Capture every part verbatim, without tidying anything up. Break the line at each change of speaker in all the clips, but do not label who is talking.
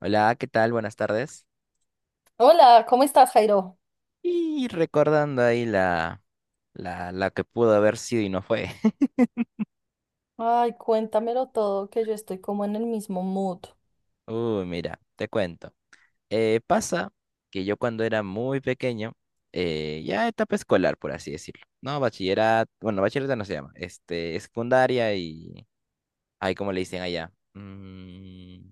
Hola, ¿qué tal? Buenas tardes.
Hola, ¿cómo estás, Jairo?
Y recordando ahí la, la, la que pudo haber sido y no fue.
Ay, cuéntamelo todo, que yo estoy como en el mismo mood.
Uy, mira, te cuento. Eh, pasa que yo cuando era muy pequeño, eh, ya etapa escolar, por así decirlo, ¿no? Bachillerato, bueno, bachillerato no se llama, este, secundaria y... Ay, ¿cómo le dicen allá? Mm,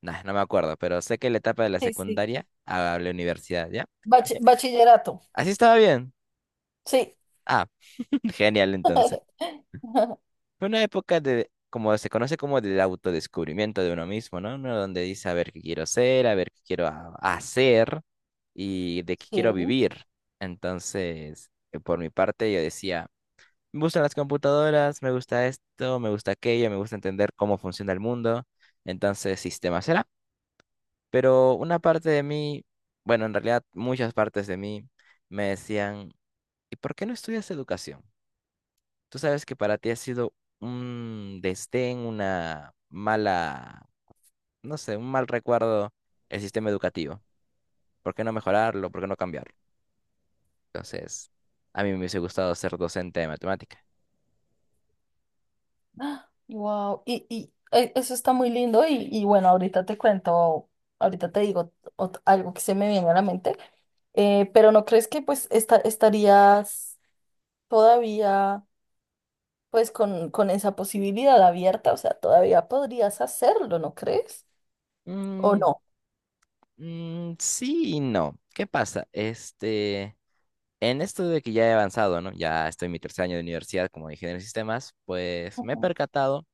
nah, no me acuerdo, pero sé que la etapa de la
Sí, sí.
secundaria a la universidad, ¿ya?
Bachi-
Eh,
bachillerato,
Así estaba bien.
sí.
Ah, genial entonces. Fue una época de, como se conoce como del autodescubrimiento de uno mismo, ¿no? Uno donde dice a ver qué quiero ser, a ver qué quiero ha- hacer y de qué quiero
Sí,
vivir. Entonces, eh, por mi parte, yo decía, me gustan las computadoras, me gusta esto, me gusta aquello, me gusta entender cómo funciona el mundo. Entonces, sistema será. Pero una parte de mí, bueno, en realidad muchas partes de mí me decían, ¿y por qué no estudias educación? Tú sabes que para ti ha sido un desdén, una mala, no sé, un mal recuerdo el sistema educativo. ¿Por qué no mejorarlo? ¿Por qué no cambiarlo? Entonces, a mí me hubiese gustado ser docente de matemática.
wow. Y, y eh, eso está muy lindo y, y bueno, ahorita te cuento, ahorita te digo ot- algo que se me viene a la mente. Eh, pero ¿no crees que pues esta- estarías todavía pues con, con esa posibilidad abierta? O sea, todavía podrías hacerlo, ¿no crees? ¿O
Mm,
no?
mm, sí y no. ¿Qué pasa? Este, en esto de que ya he avanzado, ¿no? Ya estoy en mi tercer año de universidad como ingeniero de sistemas, pues me he percatado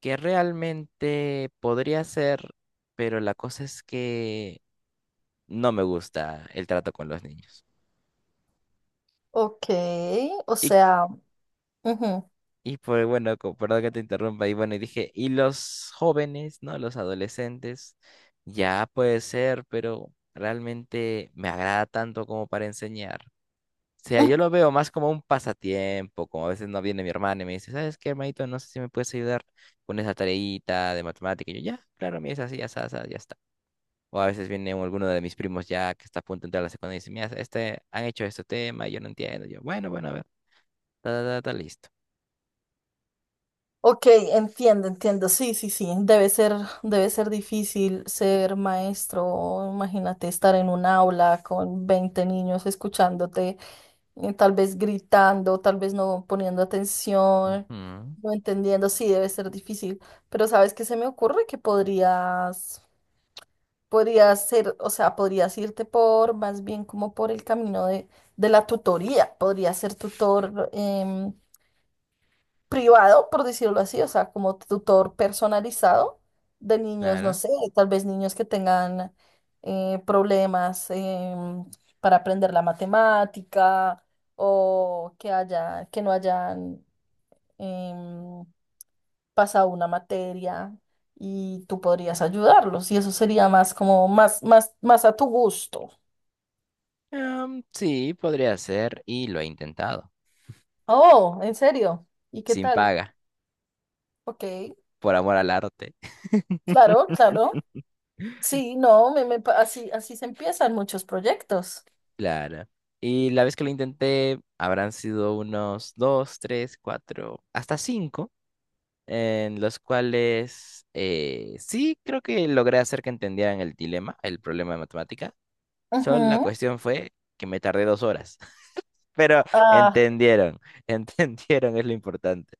que realmente podría ser, pero la cosa es que no me gusta el trato con los niños.
Ok, o
Y,
sea, ujú,
y pues bueno, co- perdón que te interrumpa, y bueno, y dije, y los jóvenes, ¿no? Los adolescentes, ya puede ser, pero realmente me agrada tanto como para enseñar. O sea,
mm,
yo lo veo más como un pasatiempo, como a veces no viene mi hermana y me dice, ¿sabes qué, hermanito? No sé si me puedes ayudar con esa tareita de matemática. Y yo, ya, claro, mira, es así, ya está, ya está. O a veces viene alguno de mis primos ya que está a punto de entrar a la secundaria y dice, mira, este, han hecho este tema y yo no entiendo. Yo, bueno, bueno, a ver. Ta, ta, ta, ta, listo.
ok, entiendo, entiendo. Sí, sí, sí. Debe ser, debe ser difícil ser maestro. Imagínate estar en un aula con veinte niños escuchándote, eh, tal vez gritando, tal vez no poniendo atención,
Ujú,
no entendiendo. Sí, debe ser difícil. Pero ¿sabes qué se me ocurre? Que podrías, podrías ser, o sea, podrías irte por, más bien como por el camino de, de la tutoría. Podrías ser tutor. Em, privado, por decirlo así, o sea, como tutor personalizado de niños, no
claro.
sé, tal vez niños que tengan eh, problemas em, para aprender la matemática o que haya, que no hayan em, pasado una materia y tú podrías ayudarlos y eso sería más como más, más, más a tu gusto.
Em, sí, podría ser y lo he intentado.
Oh, ¿en serio? ¿Y qué
Sin
tal?
paga,
Ok,
por amor al arte.
claro, claro. Sí, no, me, me pa- así, así se empiezan muchos proyectos.
Claro. Y la vez que lo intenté, habrán sido unos dos, tres, cuatro, hasta cinco, en los cuales eh, sí creo que logré hacer que entendieran el dilema, el problema de matemática. Solo la
Ujú.
cuestión fue que me tardé dos horas, pero
Ah,
entendieron, entendieron es lo importante.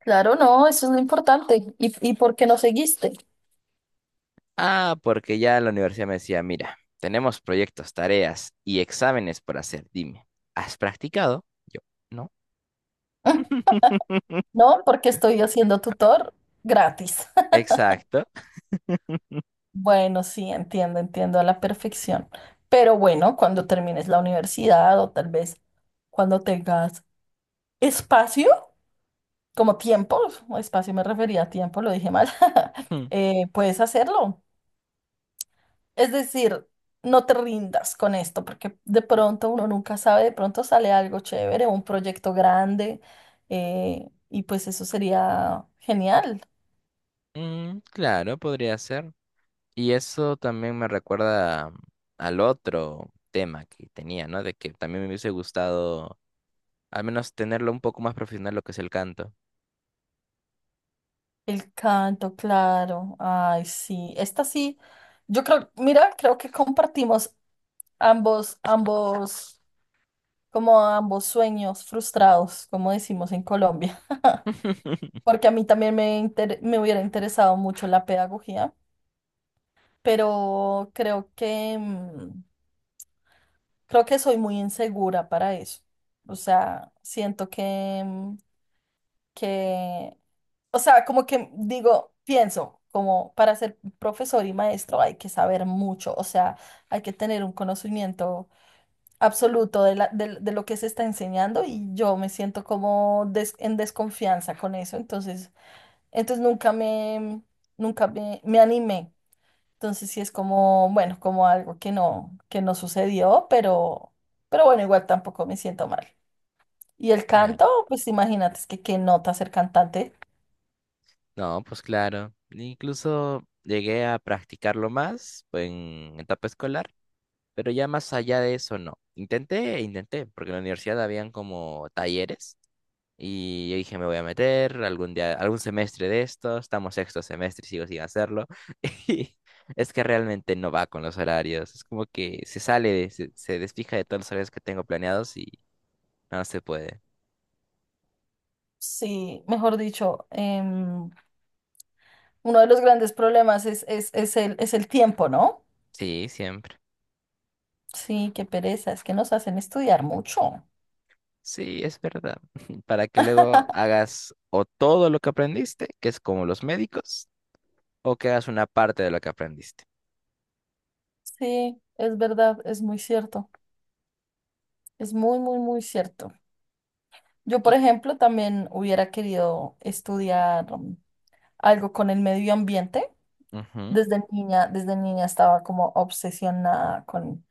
claro, no, eso es lo importante. ¿Y, y por qué no seguiste?
Ah, porque ya la universidad me decía, mira, tenemos proyectos, tareas y exámenes por hacer. Dime, ¿has practicado? Yo, no.
Mm, no, porque estoy haciendo tutor gratis.
Exacto.
Bueno, sí, entiendo, entiendo a la perfección. Pero bueno, cuando termines la universidad o tal vez cuando tengas espacio, como tiempo, espacio me refería a tiempo, lo dije mal.
Mm,
Eh, puedes hacerlo. Es decir, no te rindas con esto, porque de pronto uno nunca sabe, de pronto sale algo chévere, un proyecto grande, eh, y pues eso sería genial.
mm, claro, podría ser. Y eso también me recuerda al otro tema que tenía, ¿no? De que también me hubiese gustado al menos tenerlo un poco más profesional lo que es el canto.
El canto, claro. Ay, sí. Esta sí, yo creo, mira, creo que compartimos ambos, ambos, como ambos sueños frustrados, como decimos en Colombia, porque a mí también me, inter- me hubiera interesado mucho la pedagogía, pero creo que... mm, creo que soy muy insegura para eso. O sea, siento que, mm, que, o sea, como que digo, pienso, como para ser profesor y maestro hay que saber mucho, o sea, hay que tener un conocimiento absoluto de, la- de, de lo que se está enseñando y yo me siento como des- en desconfianza con eso, entonces, entonces nunca me, nunca me, me animé. Entonces sí es como, bueno, como algo que no, que no sucedió, pero, pero bueno, igual tampoco me siento mal. Y el
Claro.
canto, pues imagínate, es que qué nota ser cantante.
No, pues claro. Incluso llegué a practicarlo más en etapa escolar. Pero ya más allá de eso, no. Intenté, intenté, porque en la universidad habían como talleres y yo dije, me voy a meter algún día, algún semestre de esto, estamos sexto semestre y sigo sin hacerlo. Y es que realmente no va con los horarios, es como que se sale, de- se, se desfija de todos los horarios que tengo planeados y no se puede.
Sí, mejor dicho, em, uno de los grandes problemas es, es, es el, es el tiempo, ¿no?
Sí, siempre.
Sí, qué pereza, es que nos hacen estudiar mucho.
Sí, es verdad. Para que luego hagas o todo lo que aprendiste, que es como los médicos, o que hagas una parte de lo que aprendiste.
Sí, es verdad, es muy cierto, es muy, muy, muy cierto. Yo,
Y...
por ejemplo, también hubiera querido estudiar um, algo con el medio ambiente.
Ujú.
Desde niña, desde niña estaba como obsesionada con,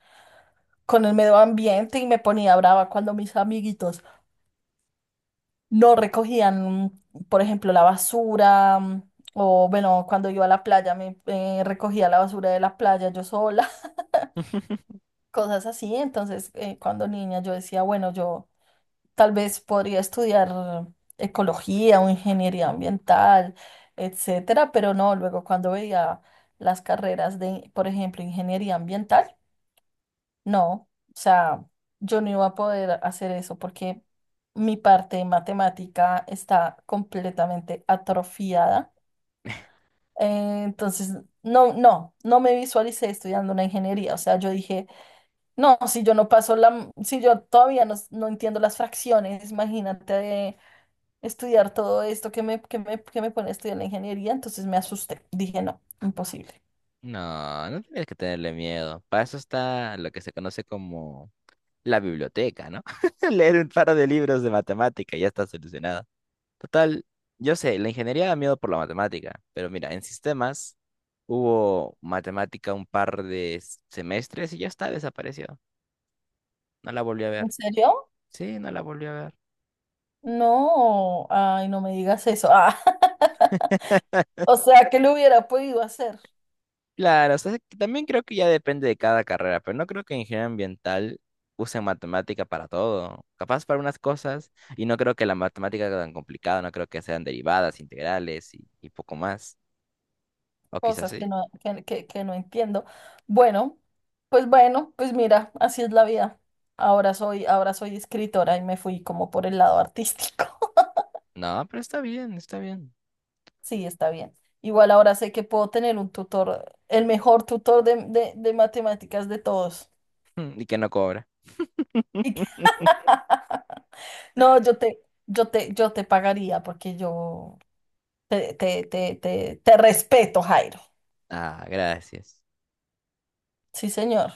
con el medio ambiente y me ponía brava cuando mis amiguitos no recogían, por ejemplo, la basura, mm, o bueno, cuando iba a la playa me eh, recogía la basura de la playa yo sola. Cosas así. Entonces, eh, cuando niña yo decía, bueno, yo tal vez podría estudiar ecología o ingeniería ambiental, etcétera, pero no, luego cuando veía las carreras de, por ejemplo, ingeniería ambiental, no, o sea, yo no iba a poder hacer eso porque mi parte de matemática está completamente atrofiada. Eh, entonces, no, no, no me visualicé estudiando una ingeniería. O sea, yo dije, no, si yo no paso la, si yo todavía no, no entiendo las fracciones, imagínate de estudiar todo esto que me, que me, que me pone a estudiar la ingeniería. Entonces me asusté. Dije, no, imposible.
No, no tienes que tenerle miedo. Para eso está lo que se conoce como la biblioteca, ¿no? Leer un par de libros de matemática, ya está solucionado. Total, yo sé, la ingeniería da miedo por la matemática, pero mira, en sistemas hubo matemática un par de s- semestres y ya está, desapareció. No la volví a
¿En
ver.
serio?
Sí, no la volví a ver.
No, ay, no me digas eso. Ah. O sea, que lo hubiera podido hacer,
Claro, o sea, que también creo que ya depende de cada carrera, pero no creo que ingeniería ambiental usen matemática para todo. Capaz para unas cosas, y no creo que la matemática sea tan complicada, no creo que sean derivadas, integrales y, y poco más. O quizás
cosas
sí.
que no, que, que- que no entiendo. Bueno, pues bueno, pues mira, así es la vida. Ahora soy, ahora soy escritora y me fui como por el lado artístico.
No, pero está bien, está bien.
Sí, está bien. Igual ahora sé que puedo tener un tutor, el mejor tutor de, de- de matemáticas de todos.
Y que no cobra.
Y que... No, yo te, yo te, yo te pagaría porque yo te, te, te, te, te respeto, Jairo.
Ah, gracias.
Sí, señor.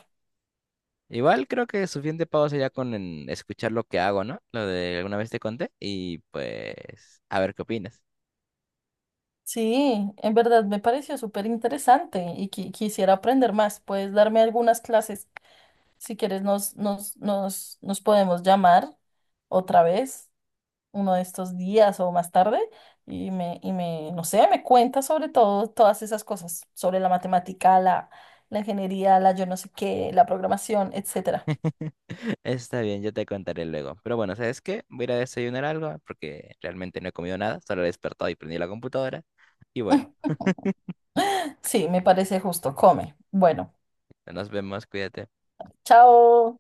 Igual creo que suficiente pago sería con en escuchar lo que hago, ¿no? Lo de alguna vez te conté, y pues a ver qué opinas.
Sí, en verdad me pareció súper interesante y qui- quisiera aprender más. Puedes darme algunas clases. Si quieres, nos, nos, nos, nos podemos llamar otra vez, uno de estos días o más tarde, y me, y me, no sé, me cuentas sobre todo todas esas cosas, sobre la matemática, la, la ingeniería, la yo no sé qué, la programación, etcétera.
Está bien, yo te contaré luego. Pero bueno, ¿sabes qué? Voy a ir a desayunar algo porque realmente no he comido nada, solo he despertado y prendí la computadora. Y bueno,
Sí, me parece justo. Come. Bueno,
nos vemos, cuídate.
chao.